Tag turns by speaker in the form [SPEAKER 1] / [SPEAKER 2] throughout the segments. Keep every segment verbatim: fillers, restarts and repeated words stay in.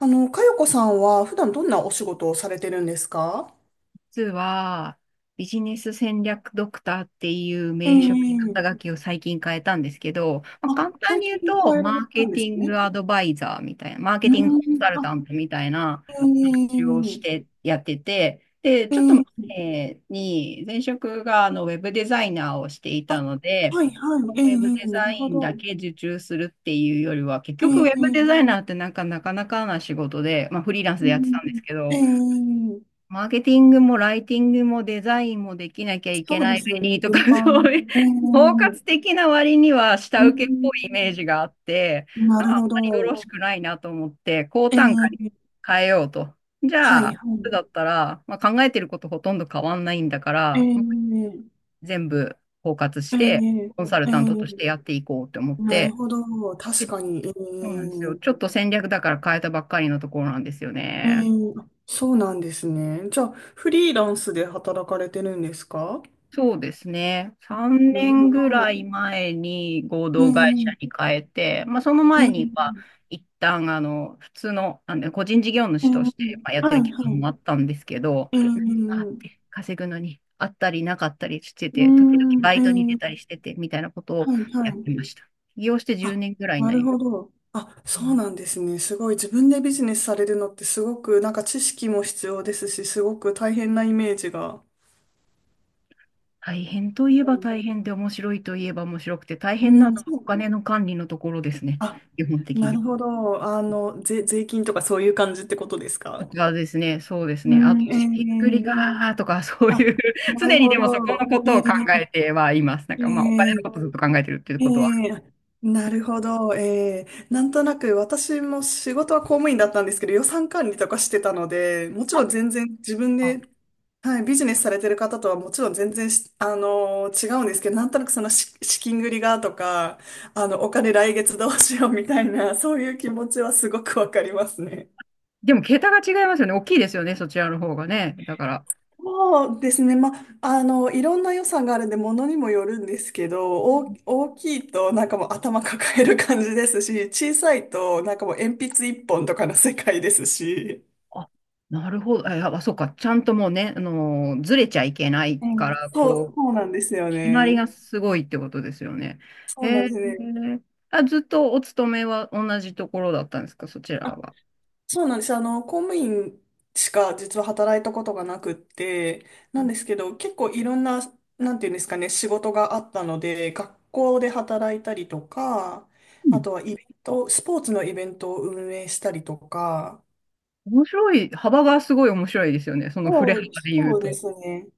[SPEAKER 1] あの、かよこさんは普段どんなお仕事をされてるんですか？
[SPEAKER 2] 実は、ビジネス戦略ドクターっていう
[SPEAKER 1] え
[SPEAKER 2] 名称に
[SPEAKER 1] え。
[SPEAKER 2] 肩書きを最近変えたんですけど、まあ、
[SPEAKER 1] あ、
[SPEAKER 2] 簡単
[SPEAKER 1] 最
[SPEAKER 2] に言う
[SPEAKER 1] 近
[SPEAKER 2] と、
[SPEAKER 1] 変え
[SPEAKER 2] マ
[SPEAKER 1] られ
[SPEAKER 2] ー
[SPEAKER 1] た
[SPEAKER 2] ケ
[SPEAKER 1] んで
[SPEAKER 2] テ
[SPEAKER 1] す
[SPEAKER 2] ィン
[SPEAKER 1] ね。
[SPEAKER 2] グアドバイザーみたいな、マーケ
[SPEAKER 1] う
[SPEAKER 2] ティングコンサ
[SPEAKER 1] ん。
[SPEAKER 2] ルタ
[SPEAKER 1] あ、
[SPEAKER 2] ントみたいな
[SPEAKER 1] え
[SPEAKER 2] 話をし
[SPEAKER 1] え。
[SPEAKER 2] てやってて、で、ちょっと
[SPEAKER 1] ええ。
[SPEAKER 2] 前に、前職があのウェブデザイナーをしてい
[SPEAKER 1] あ、
[SPEAKER 2] たので、
[SPEAKER 1] はいは
[SPEAKER 2] ウ
[SPEAKER 1] い、ええ。
[SPEAKER 2] ェブ
[SPEAKER 1] え
[SPEAKER 2] デ
[SPEAKER 1] え、な
[SPEAKER 2] ザ
[SPEAKER 1] るほ
[SPEAKER 2] イン
[SPEAKER 1] ど。
[SPEAKER 2] だけ受注するっていうよりは、結局
[SPEAKER 1] え
[SPEAKER 2] ウェブデザ
[SPEAKER 1] え。
[SPEAKER 2] イナーってなんかなかなかな仕事で、まあ、フリーランスでやってたんで
[SPEAKER 1] う
[SPEAKER 2] すけ
[SPEAKER 1] ん。え
[SPEAKER 2] ど、
[SPEAKER 1] え。
[SPEAKER 2] マーケティングもライティングもデザインもできなきゃい
[SPEAKER 1] そ
[SPEAKER 2] け
[SPEAKER 1] う
[SPEAKER 2] な
[SPEAKER 1] で
[SPEAKER 2] い
[SPEAKER 1] すよ
[SPEAKER 2] 上
[SPEAKER 1] ね、
[SPEAKER 2] にと
[SPEAKER 1] 全
[SPEAKER 2] か、そ
[SPEAKER 1] 般。
[SPEAKER 2] ういう、
[SPEAKER 1] え
[SPEAKER 2] 包括
[SPEAKER 1] え。
[SPEAKER 2] 的な割には
[SPEAKER 1] う
[SPEAKER 2] 下請けっぽいイメー
[SPEAKER 1] ん、
[SPEAKER 2] ジがあって、
[SPEAKER 1] な
[SPEAKER 2] なん
[SPEAKER 1] る
[SPEAKER 2] かあ
[SPEAKER 1] ほ
[SPEAKER 2] んまりよ
[SPEAKER 1] ど。
[SPEAKER 2] ろしくないなと思って、高
[SPEAKER 1] え
[SPEAKER 2] 単価に
[SPEAKER 1] え。
[SPEAKER 2] 変えようと。じ
[SPEAKER 1] は
[SPEAKER 2] ゃ
[SPEAKER 1] い
[SPEAKER 2] あ、
[SPEAKER 1] はい。
[SPEAKER 2] だったら、まあ、考えてることほとんど変わんないんだから、
[SPEAKER 1] ええ。
[SPEAKER 2] 全部包括し
[SPEAKER 1] え
[SPEAKER 2] て、
[SPEAKER 1] え。
[SPEAKER 2] コンサル
[SPEAKER 1] ええ、
[SPEAKER 2] タントとしてやっていこうと思っ
[SPEAKER 1] なる
[SPEAKER 2] て、
[SPEAKER 1] ほど、確
[SPEAKER 2] で、そ
[SPEAKER 1] かに。え
[SPEAKER 2] うなんですよ。ちょ
[SPEAKER 1] え。
[SPEAKER 2] っと戦略だから変えたばっかりのところなんですよ
[SPEAKER 1] え
[SPEAKER 2] ね。
[SPEAKER 1] ー、あ、そうなんですね。じゃあ、フリーランスで働かれてるんですか？
[SPEAKER 2] そうですね。
[SPEAKER 1] あ、
[SPEAKER 2] 3
[SPEAKER 1] なる
[SPEAKER 2] 年ぐ
[SPEAKER 1] ほ
[SPEAKER 2] ら
[SPEAKER 1] ど。
[SPEAKER 2] い前に合
[SPEAKER 1] え
[SPEAKER 2] 同会社
[SPEAKER 1] ー、
[SPEAKER 2] に変えて、まあ、その
[SPEAKER 1] え
[SPEAKER 2] 前には
[SPEAKER 1] ー、
[SPEAKER 2] 一旦あの普通の、あの個人事業
[SPEAKER 1] え
[SPEAKER 2] 主と
[SPEAKER 1] ー、
[SPEAKER 2] してまあやって
[SPEAKER 1] はい、
[SPEAKER 2] る
[SPEAKER 1] は
[SPEAKER 2] 期間もあっ
[SPEAKER 1] い。
[SPEAKER 2] たんですけど、
[SPEAKER 1] え
[SPEAKER 2] 何があっ
[SPEAKER 1] ー、
[SPEAKER 2] て稼ぐのにあったりなかったりして
[SPEAKER 1] うー
[SPEAKER 2] て、時々
[SPEAKER 1] ん、
[SPEAKER 2] バ
[SPEAKER 1] え
[SPEAKER 2] イトに出たり
[SPEAKER 1] ー、
[SPEAKER 2] しててみたいなことを
[SPEAKER 1] はい、は
[SPEAKER 2] やっ
[SPEAKER 1] い。
[SPEAKER 2] てました。起業して10
[SPEAKER 1] あ、
[SPEAKER 2] 年ぐらいに
[SPEAKER 1] な
[SPEAKER 2] な
[SPEAKER 1] る
[SPEAKER 2] りま
[SPEAKER 1] ほ
[SPEAKER 2] す。
[SPEAKER 1] ど。あ、
[SPEAKER 2] う
[SPEAKER 1] そう
[SPEAKER 2] ん、
[SPEAKER 1] なんですね。すごい。自分でビジネスされるのってすごく、なんか知識も必要ですし、すごく大変なイメージが。
[SPEAKER 2] 大変といえ
[SPEAKER 1] う
[SPEAKER 2] ば大変で面白いといえば面白くて大変なの
[SPEAKER 1] ん、そ
[SPEAKER 2] はお
[SPEAKER 1] う。
[SPEAKER 2] 金の管理のところですね、
[SPEAKER 1] あ、
[SPEAKER 2] 基本的
[SPEAKER 1] なる
[SPEAKER 2] に。
[SPEAKER 1] ほど。あの、税、税金とかそういう感じってことです
[SPEAKER 2] と
[SPEAKER 1] か？
[SPEAKER 2] かですね、そうです
[SPEAKER 1] う
[SPEAKER 2] ね。あと、
[SPEAKER 1] ん、
[SPEAKER 2] ひっくり
[SPEAKER 1] ええ。
[SPEAKER 2] がーとか、そう
[SPEAKER 1] あ、
[SPEAKER 2] いう、
[SPEAKER 1] な
[SPEAKER 2] 常
[SPEAKER 1] る
[SPEAKER 2] に
[SPEAKER 1] ほ
[SPEAKER 2] でもそこの
[SPEAKER 1] ど。
[SPEAKER 2] こと
[SPEAKER 1] ええ。
[SPEAKER 2] を考えてはいます。なん
[SPEAKER 1] え
[SPEAKER 2] かまあ、お金の
[SPEAKER 1] え。
[SPEAKER 2] ことずっと考えてるっていう
[SPEAKER 1] え
[SPEAKER 2] ことはある。
[SPEAKER 1] え。あ、なるほど。ええ、なんとなく私も仕事は公務員だったんですけど、予算管理とかしてたので、もちろん全然自分
[SPEAKER 2] あ、
[SPEAKER 1] で、はい、ビジネスされてる方とはもちろん全然し、あのー違うんですけど、なんとなくその資、資金繰りがとか、あの、お金来月どうしようみたいな、そういう気持ちはすごくわかりますね。
[SPEAKER 2] でも、桁が違いますよね。大きいですよね、そちらの方がね。だから、
[SPEAKER 1] そうですね。まあ、あの、いろんな予算があるんで、ものにもよるんですけど、
[SPEAKER 2] う
[SPEAKER 1] 大、
[SPEAKER 2] ん、
[SPEAKER 1] 大きいとなんかもう頭抱える感じですし、小さいとなんかもう鉛筆一本とかの世界ですし。
[SPEAKER 2] あ、なるほど。あ、あそうか。ちゃんともうね、あのーずれちゃいけない
[SPEAKER 1] う
[SPEAKER 2] か
[SPEAKER 1] ん、
[SPEAKER 2] ら、
[SPEAKER 1] そ
[SPEAKER 2] こ
[SPEAKER 1] う、
[SPEAKER 2] う、
[SPEAKER 1] そうなんですよ
[SPEAKER 2] 決まりが
[SPEAKER 1] ね。
[SPEAKER 2] すごいってことですよね。
[SPEAKER 1] そうな
[SPEAKER 2] え
[SPEAKER 1] んですね。
[SPEAKER 2] ー、あ、ずっとお勤めは同じところだったんですか、そちらは。
[SPEAKER 1] そうなんです。あの、公務員しか実は働いたことがなくって、
[SPEAKER 2] う
[SPEAKER 1] なんですけど、結構いろんな、なんていうんですかね、仕事があったので、学校で働いたりとか、あ
[SPEAKER 2] ん、
[SPEAKER 1] とはイベント、スポーツのイベントを運営したりとか、
[SPEAKER 2] 面白い、幅がすごい面白いですよね。その振れ
[SPEAKER 1] そ
[SPEAKER 2] 幅
[SPEAKER 1] う、
[SPEAKER 2] で言う
[SPEAKER 1] そうで
[SPEAKER 2] と。
[SPEAKER 1] すね。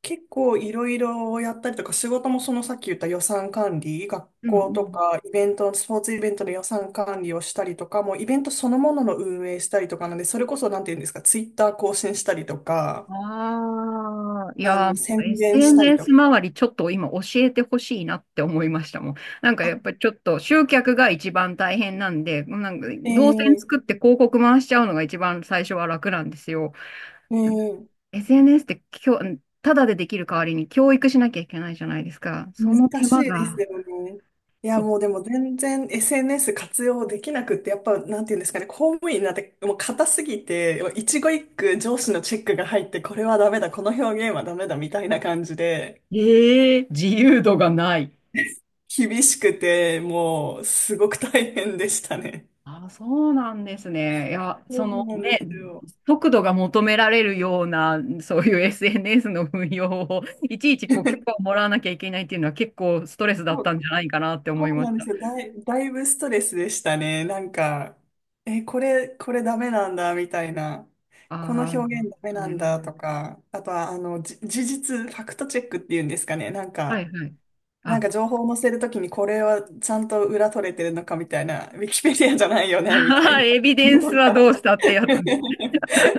[SPEAKER 1] 結構いろいろやったりとか、仕事もそのさっき言った予算管理、学
[SPEAKER 2] うんう
[SPEAKER 1] 校と
[SPEAKER 2] ん。
[SPEAKER 1] かイベント、スポーツイベントの予算管理をしたりとか、もうイベントそのものの運営したりとかなんで、それこそなんて言うんですか、ツイッター更新したりとか、
[SPEAKER 2] ああ、い
[SPEAKER 1] あ
[SPEAKER 2] や
[SPEAKER 1] の、
[SPEAKER 2] ー、
[SPEAKER 1] 宣伝したりと
[SPEAKER 2] エスエヌエス
[SPEAKER 1] か。
[SPEAKER 2] 周りちょっと今教えてほしいなって思いましたもん。なんかや
[SPEAKER 1] あ、
[SPEAKER 2] っぱりちょっと集客が一番大変なんで、なんか動線
[SPEAKER 1] え
[SPEAKER 2] 作っ
[SPEAKER 1] え。
[SPEAKER 2] て広告回しちゃうのが一番最初は楽なんですよ。
[SPEAKER 1] ええ。
[SPEAKER 2] エスエヌエス ってきょ、ただでできる代わりに教育しなきゃいけないじゃないですか。その
[SPEAKER 1] 難
[SPEAKER 2] 手
[SPEAKER 1] し
[SPEAKER 2] 間
[SPEAKER 1] いです
[SPEAKER 2] が、
[SPEAKER 1] よね。いや、
[SPEAKER 2] そう。
[SPEAKER 1] もうでも全然 エスエヌエス 活用できなくって、やっぱ、なんていうんですかね、公務員になんてもう硬すぎて、もう一語一句上司のチェックが入って、これはダメだ、この表現はダメだ、みたいな感じで、
[SPEAKER 2] ええ、自由度がない。
[SPEAKER 1] 厳しくて、もう、すごく大変でしたね。
[SPEAKER 2] あ、そうなんですね。いや、
[SPEAKER 1] そ
[SPEAKER 2] そ
[SPEAKER 1] う
[SPEAKER 2] の
[SPEAKER 1] なんで
[SPEAKER 2] ね、
[SPEAKER 1] すよ。
[SPEAKER 2] 速度が求められるような、そういう エスエヌエス の運用を、いちいちこう許可を もらわなきゃいけないっていうのは結構ストレスだったんじゃないかなって思
[SPEAKER 1] そ
[SPEAKER 2] い
[SPEAKER 1] う
[SPEAKER 2] ま
[SPEAKER 1] な
[SPEAKER 2] し
[SPEAKER 1] んで
[SPEAKER 2] た。
[SPEAKER 1] すよ。だい、だいぶストレスでしたね。なんか、え、これ、これダメなんだ、みたいな。
[SPEAKER 2] あ
[SPEAKER 1] この
[SPEAKER 2] あ、
[SPEAKER 1] 表
[SPEAKER 2] なる
[SPEAKER 1] 現ダメ
[SPEAKER 2] ほど
[SPEAKER 1] なんだ、
[SPEAKER 2] ね。
[SPEAKER 1] とか。あとは、あの、じ事実、ファクトチェックっていうんですかね。なん
[SPEAKER 2] はい
[SPEAKER 1] か、
[SPEAKER 2] はい。
[SPEAKER 1] なん
[SPEAKER 2] あ、
[SPEAKER 1] か情報を載せるときに、これはちゃんと裏取れてるのか、みたいな。ウィキペディアじゃないよね、みたい な。
[SPEAKER 2] エビデン
[SPEAKER 1] な
[SPEAKER 2] ス
[SPEAKER 1] ん
[SPEAKER 2] はど
[SPEAKER 1] か
[SPEAKER 2] うしたってやつ。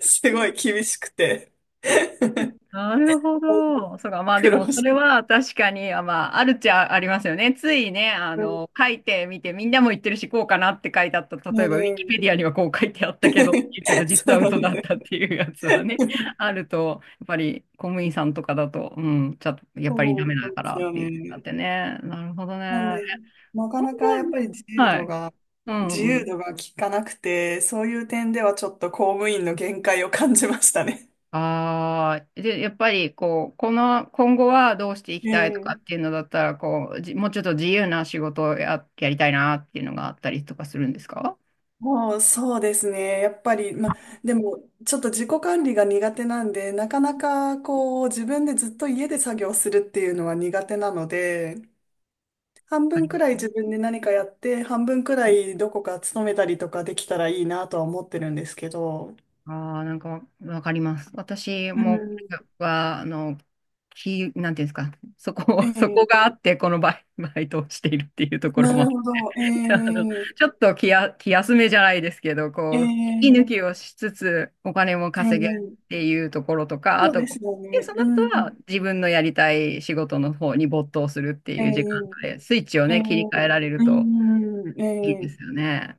[SPEAKER 1] すごい厳しくて。
[SPEAKER 2] なるほど。そうか。まあで
[SPEAKER 1] 苦
[SPEAKER 2] も、
[SPEAKER 1] 労
[SPEAKER 2] そ
[SPEAKER 1] し
[SPEAKER 2] れ
[SPEAKER 1] て、
[SPEAKER 2] は確かに、あ、まあ、あるっちゃありますよね。ついね、あ
[SPEAKER 1] うん、
[SPEAKER 2] の、書いてみて、みんなも言ってるし、こうかなって書いてあった。例えば、ウィキ
[SPEAKER 1] ね、
[SPEAKER 2] ペディアにはこう書いてあったけど、けど、
[SPEAKER 1] え。
[SPEAKER 2] 実
[SPEAKER 1] そ
[SPEAKER 2] は
[SPEAKER 1] うなん
[SPEAKER 2] 嘘
[SPEAKER 1] で
[SPEAKER 2] だ
[SPEAKER 1] す
[SPEAKER 2] っ
[SPEAKER 1] よ。
[SPEAKER 2] たっていうやつはね、あると、やっぱり公務員さんとかだと、うん、ちょっと、やっ
[SPEAKER 1] そ
[SPEAKER 2] ぱりダメ
[SPEAKER 1] うな
[SPEAKER 2] だ
[SPEAKER 1] ん
[SPEAKER 2] か
[SPEAKER 1] で
[SPEAKER 2] ら
[SPEAKER 1] す
[SPEAKER 2] っ
[SPEAKER 1] よ
[SPEAKER 2] ていうのがあっ
[SPEAKER 1] ね。
[SPEAKER 2] てね。なるほど
[SPEAKER 1] なん
[SPEAKER 2] ね。
[SPEAKER 1] で、なか
[SPEAKER 2] 今
[SPEAKER 1] なかやっ
[SPEAKER 2] 後
[SPEAKER 1] ぱり自
[SPEAKER 2] は。
[SPEAKER 1] 由
[SPEAKER 2] は
[SPEAKER 1] 度
[SPEAKER 2] い。
[SPEAKER 1] が、
[SPEAKER 2] うん
[SPEAKER 1] 自
[SPEAKER 2] う
[SPEAKER 1] 由
[SPEAKER 2] ん。
[SPEAKER 1] 度が効かなくて、そういう点ではちょっと公務員の限界を感じましたね。
[SPEAKER 2] ああ、で、やっぱりこう、この、今後はどうしていき
[SPEAKER 1] え
[SPEAKER 2] たいと
[SPEAKER 1] え、
[SPEAKER 2] かっていうのだったら、こう、じもうちょっと自由な仕事をや、やりたいなっていうのがあったりとかするんですか？
[SPEAKER 1] もうそうですね。やっぱり、ま、でも、ちょっと自己管理が苦手なんで、なかなかこう、自分でずっと家で作業するっていうのは苦手なので、半分くらい自分で何かやって、半分くらいどこか勤めたりとかできたらいいなとは思ってるんですけど、
[SPEAKER 2] ああー、なんかわかります。私
[SPEAKER 1] う
[SPEAKER 2] も
[SPEAKER 1] ん。
[SPEAKER 2] は、あの、き、なんていうんですか、そこ、そこ
[SPEAKER 1] ええ、
[SPEAKER 2] があって、このバイ、バイトをしているっていうところ
[SPEAKER 1] な
[SPEAKER 2] も
[SPEAKER 1] るほど。え
[SPEAKER 2] あの、ちょ
[SPEAKER 1] え。
[SPEAKER 2] っと気や、気休めじゃないですけど、こう、息抜
[SPEAKER 1] ええ。
[SPEAKER 2] きをしつつお金も
[SPEAKER 1] え
[SPEAKER 2] 稼げるっ
[SPEAKER 1] え。
[SPEAKER 2] ていうところとか、あ
[SPEAKER 1] そう
[SPEAKER 2] と、
[SPEAKER 1] ですよ
[SPEAKER 2] で、
[SPEAKER 1] ね。
[SPEAKER 2] そ
[SPEAKER 1] う
[SPEAKER 2] の後は
[SPEAKER 1] ん。
[SPEAKER 2] 自分のやりたい仕事の方に没頭するって
[SPEAKER 1] え
[SPEAKER 2] いう時間
[SPEAKER 1] え。
[SPEAKER 2] で、スイッチを
[SPEAKER 1] ええ。
[SPEAKER 2] ね、切り替えられる
[SPEAKER 1] う
[SPEAKER 2] と
[SPEAKER 1] ん、え
[SPEAKER 2] いいですよ
[SPEAKER 1] え。
[SPEAKER 2] ね。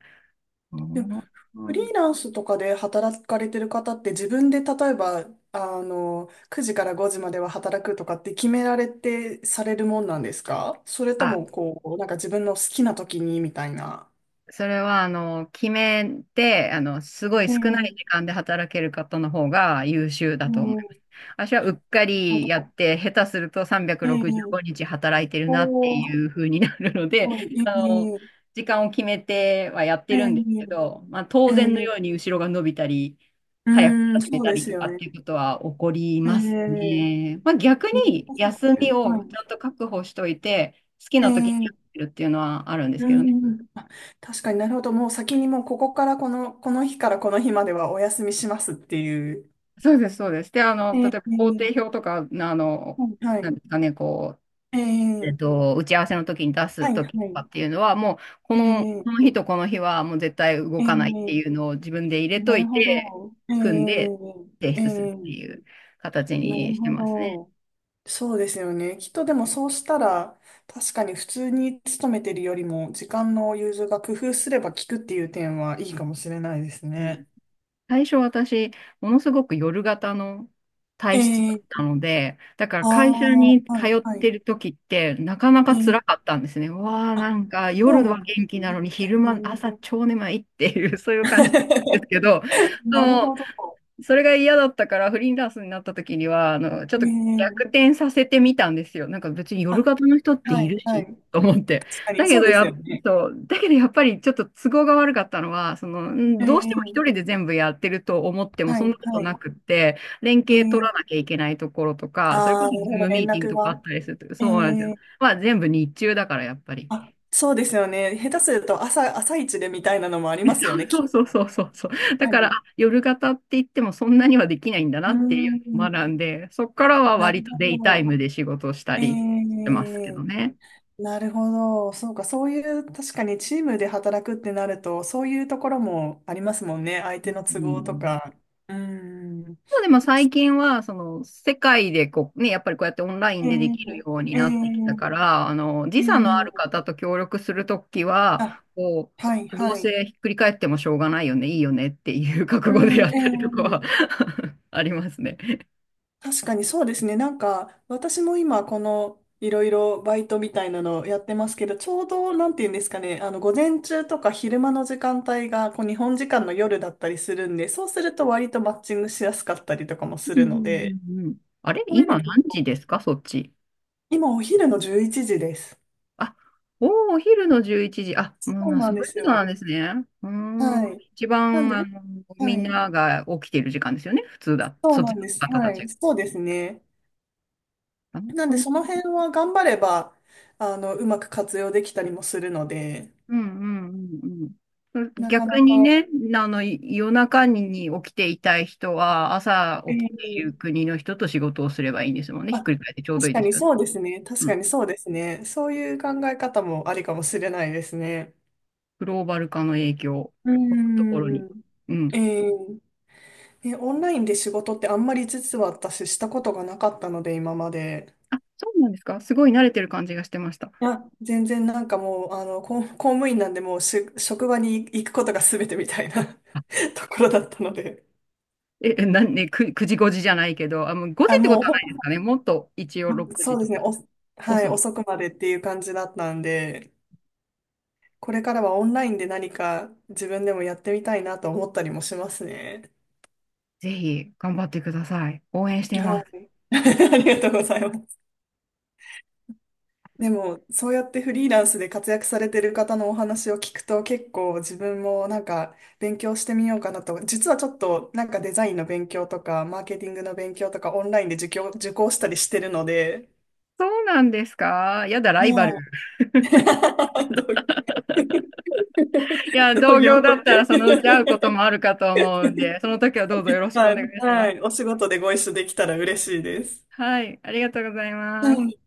[SPEAKER 2] う
[SPEAKER 1] でも
[SPEAKER 2] ん、
[SPEAKER 1] フリーランスとかで働かれてる方って自分で例えば、あの、くじからごじまでは働くとかって決められてされるもんなんですか？それと
[SPEAKER 2] あ、
[SPEAKER 1] も、こう、なんか自分の好きな時にみたいな。
[SPEAKER 2] それは、あの、決めて、あの、すごい
[SPEAKER 1] え
[SPEAKER 2] 少ない時
[SPEAKER 1] え。
[SPEAKER 2] 間で働ける方の方が優秀だ
[SPEAKER 1] え
[SPEAKER 2] と思います。
[SPEAKER 1] え。
[SPEAKER 2] 私はうっか
[SPEAKER 1] 本
[SPEAKER 2] り
[SPEAKER 1] 当
[SPEAKER 2] やっ
[SPEAKER 1] だ。
[SPEAKER 2] て、下手すると365
[SPEAKER 1] ええ。
[SPEAKER 2] 日働いてるなって
[SPEAKER 1] お
[SPEAKER 2] い
[SPEAKER 1] ー、
[SPEAKER 2] う風になるので、
[SPEAKER 1] はい。
[SPEAKER 2] あの、
[SPEAKER 1] え
[SPEAKER 2] 時間を決めてはやっ
[SPEAKER 1] え。
[SPEAKER 2] てるんです
[SPEAKER 1] え
[SPEAKER 2] け
[SPEAKER 1] え。
[SPEAKER 2] ど、まあ、当然の
[SPEAKER 1] え
[SPEAKER 2] よう
[SPEAKER 1] え。
[SPEAKER 2] に後ろが伸びたり、
[SPEAKER 1] う
[SPEAKER 2] 早く
[SPEAKER 1] ーん、
[SPEAKER 2] 始め
[SPEAKER 1] そう
[SPEAKER 2] た
[SPEAKER 1] で
[SPEAKER 2] り
[SPEAKER 1] す
[SPEAKER 2] と
[SPEAKER 1] よ
[SPEAKER 2] かっ
[SPEAKER 1] ね。
[SPEAKER 2] ていうことは起こり
[SPEAKER 1] え
[SPEAKER 2] ます
[SPEAKER 1] え。
[SPEAKER 2] ね。まあ、逆
[SPEAKER 1] 難
[SPEAKER 2] に
[SPEAKER 1] しいで
[SPEAKER 2] 休
[SPEAKER 1] すよ
[SPEAKER 2] み
[SPEAKER 1] ね。は
[SPEAKER 2] をち
[SPEAKER 1] い。
[SPEAKER 2] ゃんと確保しといて、好きな時にや
[SPEAKER 1] ええ。
[SPEAKER 2] ってるっていうのはあるんです
[SPEAKER 1] う
[SPEAKER 2] けどね。
[SPEAKER 1] ん。確かに、なるほど。もう先にもうここからこの、この日からこの日まではお休みしますっていう。
[SPEAKER 2] そうです、そうです。で、あの、例え
[SPEAKER 1] え
[SPEAKER 2] ば工程
[SPEAKER 1] え、
[SPEAKER 2] 表とか、あの、
[SPEAKER 1] は
[SPEAKER 2] なん
[SPEAKER 1] い。
[SPEAKER 2] ですかね、こう、え
[SPEAKER 1] え
[SPEAKER 2] っ
[SPEAKER 1] え、
[SPEAKER 2] と、打ち合わせの時に出
[SPEAKER 1] は
[SPEAKER 2] す
[SPEAKER 1] い
[SPEAKER 2] 時
[SPEAKER 1] は
[SPEAKER 2] とか
[SPEAKER 1] い。
[SPEAKER 2] っていうのは、もう、こ
[SPEAKER 1] え
[SPEAKER 2] の、この
[SPEAKER 1] え。
[SPEAKER 2] 日とこの日は、もう絶対動
[SPEAKER 1] ええ、
[SPEAKER 2] かないっていうのを自分で入れと
[SPEAKER 1] な
[SPEAKER 2] い
[SPEAKER 1] るほ
[SPEAKER 2] て、
[SPEAKER 1] ど。え
[SPEAKER 2] 組んで提
[SPEAKER 1] え。え
[SPEAKER 2] 出するってい
[SPEAKER 1] え、
[SPEAKER 2] う形
[SPEAKER 1] な
[SPEAKER 2] に
[SPEAKER 1] る
[SPEAKER 2] して
[SPEAKER 1] ほ
[SPEAKER 2] ますね。
[SPEAKER 1] ど。そうですよね。きっとでもそうしたら、確かに普通に勤めてるよりも、時間の融通が工夫すれば効くっていう点はいいかもしれないですね。
[SPEAKER 2] 最初私、ものすごく夜型の体質だっ
[SPEAKER 1] え
[SPEAKER 2] た
[SPEAKER 1] ー、
[SPEAKER 2] ので、だから
[SPEAKER 1] あ
[SPEAKER 2] 会社
[SPEAKER 1] あ、
[SPEAKER 2] に通
[SPEAKER 1] はい、
[SPEAKER 2] っ
[SPEAKER 1] は
[SPEAKER 2] て
[SPEAKER 1] い。
[SPEAKER 2] る時って、なかな
[SPEAKER 1] え
[SPEAKER 2] か
[SPEAKER 1] ー、
[SPEAKER 2] 辛かったんですね。わあ、
[SPEAKER 1] あ、
[SPEAKER 2] なんか
[SPEAKER 1] そ
[SPEAKER 2] 夜
[SPEAKER 1] うな
[SPEAKER 2] は
[SPEAKER 1] んで
[SPEAKER 2] 元
[SPEAKER 1] す
[SPEAKER 2] 気な
[SPEAKER 1] ね。
[SPEAKER 2] のに、昼
[SPEAKER 1] 逆
[SPEAKER 2] 間、
[SPEAKER 1] に。
[SPEAKER 2] 朝超眠いっていう、そういう感じなんです けど、
[SPEAKER 1] なる
[SPEAKER 2] そう、
[SPEAKER 1] ほど。
[SPEAKER 2] それが嫌だったから、フリーランスになった時には、あの、ちょっ
[SPEAKER 1] え
[SPEAKER 2] と逆
[SPEAKER 1] ー、
[SPEAKER 2] 転させてみたんですよ。なんか別に夜
[SPEAKER 1] あ、
[SPEAKER 2] 型の人って
[SPEAKER 1] は
[SPEAKER 2] いる
[SPEAKER 1] い、はい。
[SPEAKER 2] し、と
[SPEAKER 1] 確
[SPEAKER 2] 思って。
[SPEAKER 1] かに、
[SPEAKER 2] だけ
[SPEAKER 1] そう
[SPEAKER 2] ど
[SPEAKER 1] です
[SPEAKER 2] や、
[SPEAKER 1] よね。
[SPEAKER 2] そう、だけどやっぱりちょっと都合が悪かったのは、その、
[SPEAKER 1] え
[SPEAKER 2] んどうしても
[SPEAKER 1] ー、
[SPEAKER 2] 一人で全部やってると思っても
[SPEAKER 1] は
[SPEAKER 2] そんな
[SPEAKER 1] い、
[SPEAKER 2] こと
[SPEAKER 1] は
[SPEAKER 2] な
[SPEAKER 1] い。
[SPEAKER 2] くって、連
[SPEAKER 1] え
[SPEAKER 2] 携取ら
[SPEAKER 1] ー、
[SPEAKER 2] なきゃいけないところとか、それこ
[SPEAKER 1] ああ、なる
[SPEAKER 2] そズ
[SPEAKER 1] ほ
[SPEAKER 2] ー
[SPEAKER 1] ど、
[SPEAKER 2] ムミ
[SPEAKER 1] 連
[SPEAKER 2] ーティング
[SPEAKER 1] 絡
[SPEAKER 2] とかあっ
[SPEAKER 1] が。
[SPEAKER 2] たりすると、
[SPEAKER 1] え
[SPEAKER 2] そうなんですよ。
[SPEAKER 1] ー
[SPEAKER 2] まあ全部日中だからやっぱり。
[SPEAKER 1] あ、そうですよね。下手すると朝、朝一でみたいなのもありますよね、き
[SPEAKER 2] そう
[SPEAKER 1] っ
[SPEAKER 2] そう
[SPEAKER 1] と。
[SPEAKER 2] そうそうそう。
[SPEAKER 1] 確
[SPEAKER 2] だ
[SPEAKER 1] か
[SPEAKER 2] から、あ、
[SPEAKER 1] に。
[SPEAKER 2] 夜型って言ってもそんなにはできないんだな
[SPEAKER 1] うー
[SPEAKER 2] っていうのを
[SPEAKER 1] ん、
[SPEAKER 2] 学んで、そこからは
[SPEAKER 1] なる
[SPEAKER 2] 割とデ
[SPEAKER 1] ほ
[SPEAKER 2] イタイム
[SPEAKER 1] ど。
[SPEAKER 2] で仕事した
[SPEAKER 1] え
[SPEAKER 2] りしてますけ
[SPEAKER 1] え、
[SPEAKER 2] どね。
[SPEAKER 1] なるほど。そうか、そういう、確かにチームで働くってなると、そういうところもありますもんね。相
[SPEAKER 2] う
[SPEAKER 1] 手の都合と
[SPEAKER 2] ん、
[SPEAKER 1] か。うーん。
[SPEAKER 2] でも最近は、その、世界でこう、ね、やっぱりこうやってオンライン
[SPEAKER 1] ええ。
[SPEAKER 2] でできるように
[SPEAKER 1] え
[SPEAKER 2] なってきたから、あの、
[SPEAKER 1] え。
[SPEAKER 2] 時
[SPEAKER 1] え
[SPEAKER 2] 差のある
[SPEAKER 1] え。
[SPEAKER 2] 方と協力するときは、
[SPEAKER 1] あ、
[SPEAKER 2] こ
[SPEAKER 1] はい、
[SPEAKER 2] う、どう
[SPEAKER 1] は
[SPEAKER 2] せ
[SPEAKER 1] い。
[SPEAKER 2] ひっくり返ってもしょうがないよね、いいよねっていう覚悟で
[SPEAKER 1] う
[SPEAKER 2] やったりとかは
[SPEAKER 1] ん、ええ。
[SPEAKER 2] ありますね。
[SPEAKER 1] 確かにそうですね。なんか、私も今、この、いろいろバイトみたいなのをやってますけど、ちょうど、なんていうんですかね、あの、午前中とか昼間の時間帯が、こう、日本時間の夜だったりするんで、そうすると割とマッチングしやすかったりとかもす
[SPEAKER 2] う
[SPEAKER 1] る
[SPEAKER 2] んうん
[SPEAKER 1] ので、
[SPEAKER 2] うんうん、あれ
[SPEAKER 1] こういうの
[SPEAKER 2] 今
[SPEAKER 1] 結
[SPEAKER 2] 何
[SPEAKER 1] 構、
[SPEAKER 2] 時ですか、そっち？
[SPEAKER 1] 今お昼のじゅういちじです。
[SPEAKER 2] あ、おー、お昼のじゅういちじ。あ、もう
[SPEAKER 1] そう
[SPEAKER 2] な、
[SPEAKER 1] な
[SPEAKER 2] そ
[SPEAKER 1] ん
[SPEAKER 2] ういう
[SPEAKER 1] で
[SPEAKER 2] こ
[SPEAKER 1] す
[SPEAKER 2] となん
[SPEAKER 1] よ。
[SPEAKER 2] ですね。うーん。
[SPEAKER 1] はい。
[SPEAKER 2] 一
[SPEAKER 1] なん
[SPEAKER 2] 番、
[SPEAKER 1] で、
[SPEAKER 2] あの、み
[SPEAKER 1] は
[SPEAKER 2] ん
[SPEAKER 1] い。
[SPEAKER 2] なが起きている時間ですよね。普通だ。
[SPEAKER 1] そう
[SPEAKER 2] そっ
[SPEAKER 1] な
[SPEAKER 2] ち
[SPEAKER 1] ん
[SPEAKER 2] の
[SPEAKER 1] です。
[SPEAKER 2] 方た
[SPEAKER 1] は
[SPEAKER 2] ち
[SPEAKER 1] い。
[SPEAKER 2] が。
[SPEAKER 1] そうですね。
[SPEAKER 2] なる
[SPEAKER 1] なん
[SPEAKER 2] ほ
[SPEAKER 1] で、
[SPEAKER 2] どね。
[SPEAKER 1] その辺は頑張れば、あの、うまく活用できたりもするので、
[SPEAKER 2] うんうんうんうん。
[SPEAKER 1] なか
[SPEAKER 2] 逆
[SPEAKER 1] な
[SPEAKER 2] に
[SPEAKER 1] か、
[SPEAKER 2] ね、あの、い夜中に起きていたい人は、朝
[SPEAKER 1] え
[SPEAKER 2] 起きてい
[SPEAKER 1] え。
[SPEAKER 2] る国の人と仕事をすればいいんですもんね。ひ
[SPEAKER 1] あ、
[SPEAKER 2] っくり返ってちょうどい
[SPEAKER 1] 確
[SPEAKER 2] い
[SPEAKER 1] か
[SPEAKER 2] です
[SPEAKER 1] に
[SPEAKER 2] よね。
[SPEAKER 1] そうですね。確
[SPEAKER 2] う
[SPEAKER 1] か
[SPEAKER 2] ん。
[SPEAKER 1] にそうですね。そういう考え方もありかもしれないですね。
[SPEAKER 2] グローバル化の影響、
[SPEAKER 1] う
[SPEAKER 2] こういうところに。
[SPEAKER 1] ーん。
[SPEAKER 2] うん。
[SPEAKER 1] ええ。ね、オンラインで仕事ってあんまり実は私したことがなかったので、今まで。
[SPEAKER 2] あ、そうなんですか？すごい慣れてる感じがしてました。
[SPEAKER 1] いや、全然なんかもう、あの、公、公務員なんでもうし、職場に行くことが全てみたいな
[SPEAKER 2] あ
[SPEAKER 1] ところだったので。
[SPEAKER 2] え、えなんね、く、くじごじじゃないけど、あ、もうごじ
[SPEAKER 1] あ、
[SPEAKER 2] ってこ
[SPEAKER 1] もう
[SPEAKER 2] とはな
[SPEAKER 1] ほ
[SPEAKER 2] いですかね。もっと一応
[SPEAKER 1] ん、
[SPEAKER 2] 6
[SPEAKER 1] そ
[SPEAKER 2] 時
[SPEAKER 1] うで
[SPEAKER 2] と
[SPEAKER 1] す
[SPEAKER 2] か。
[SPEAKER 1] ね。お、はい、
[SPEAKER 2] 遅い。
[SPEAKER 1] 遅くまでっていう感じだったんで。これからはオンラインで何か自分でもやってみたいなと思ったりもしますね。
[SPEAKER 2] ぜひ頑張ってください。応援してま
[SPEAKER 1] は
[SPEAKER 2] す。
[SPEAKER 1] い。 ありがとうございます。でも、そうやってフリーランスで活躍されてる方のお話を聞くと結構自分もなんか勉強してみようかなと。実はちょっとなんかデザインの勉強とかマーケティングの勉強とかオンラインで受講、受講したりしてるので、
[SPEAKER 2] そうなんですか？やだ、ライバル。
[SPEAKER 1] はい。
[SPEAKER 2] いや、
[SPEAKER 1] 同同
[SPEAKER 2] 同
[SPEAKER 1] 業。
[SPEAKER 2] 業だった らそのうち会うこともあるかと思うんで、その時はどうぞよろしく
[SPEAKER 1] は
[SPEAKER 2] お願い
[SPEAKER 1] い、
[SPEAKER 2] し
[SPEAKER 1] は
[SPEAKER 2] ます。
[SPEAKER 1] い、お仕事でご一緒できたら嬉しいです。
[SPEAKER 2] はい、ありがとうござい
[SPEAKER 1] は
[SPEAKER 2] ます。
[SPEAKER 1] い。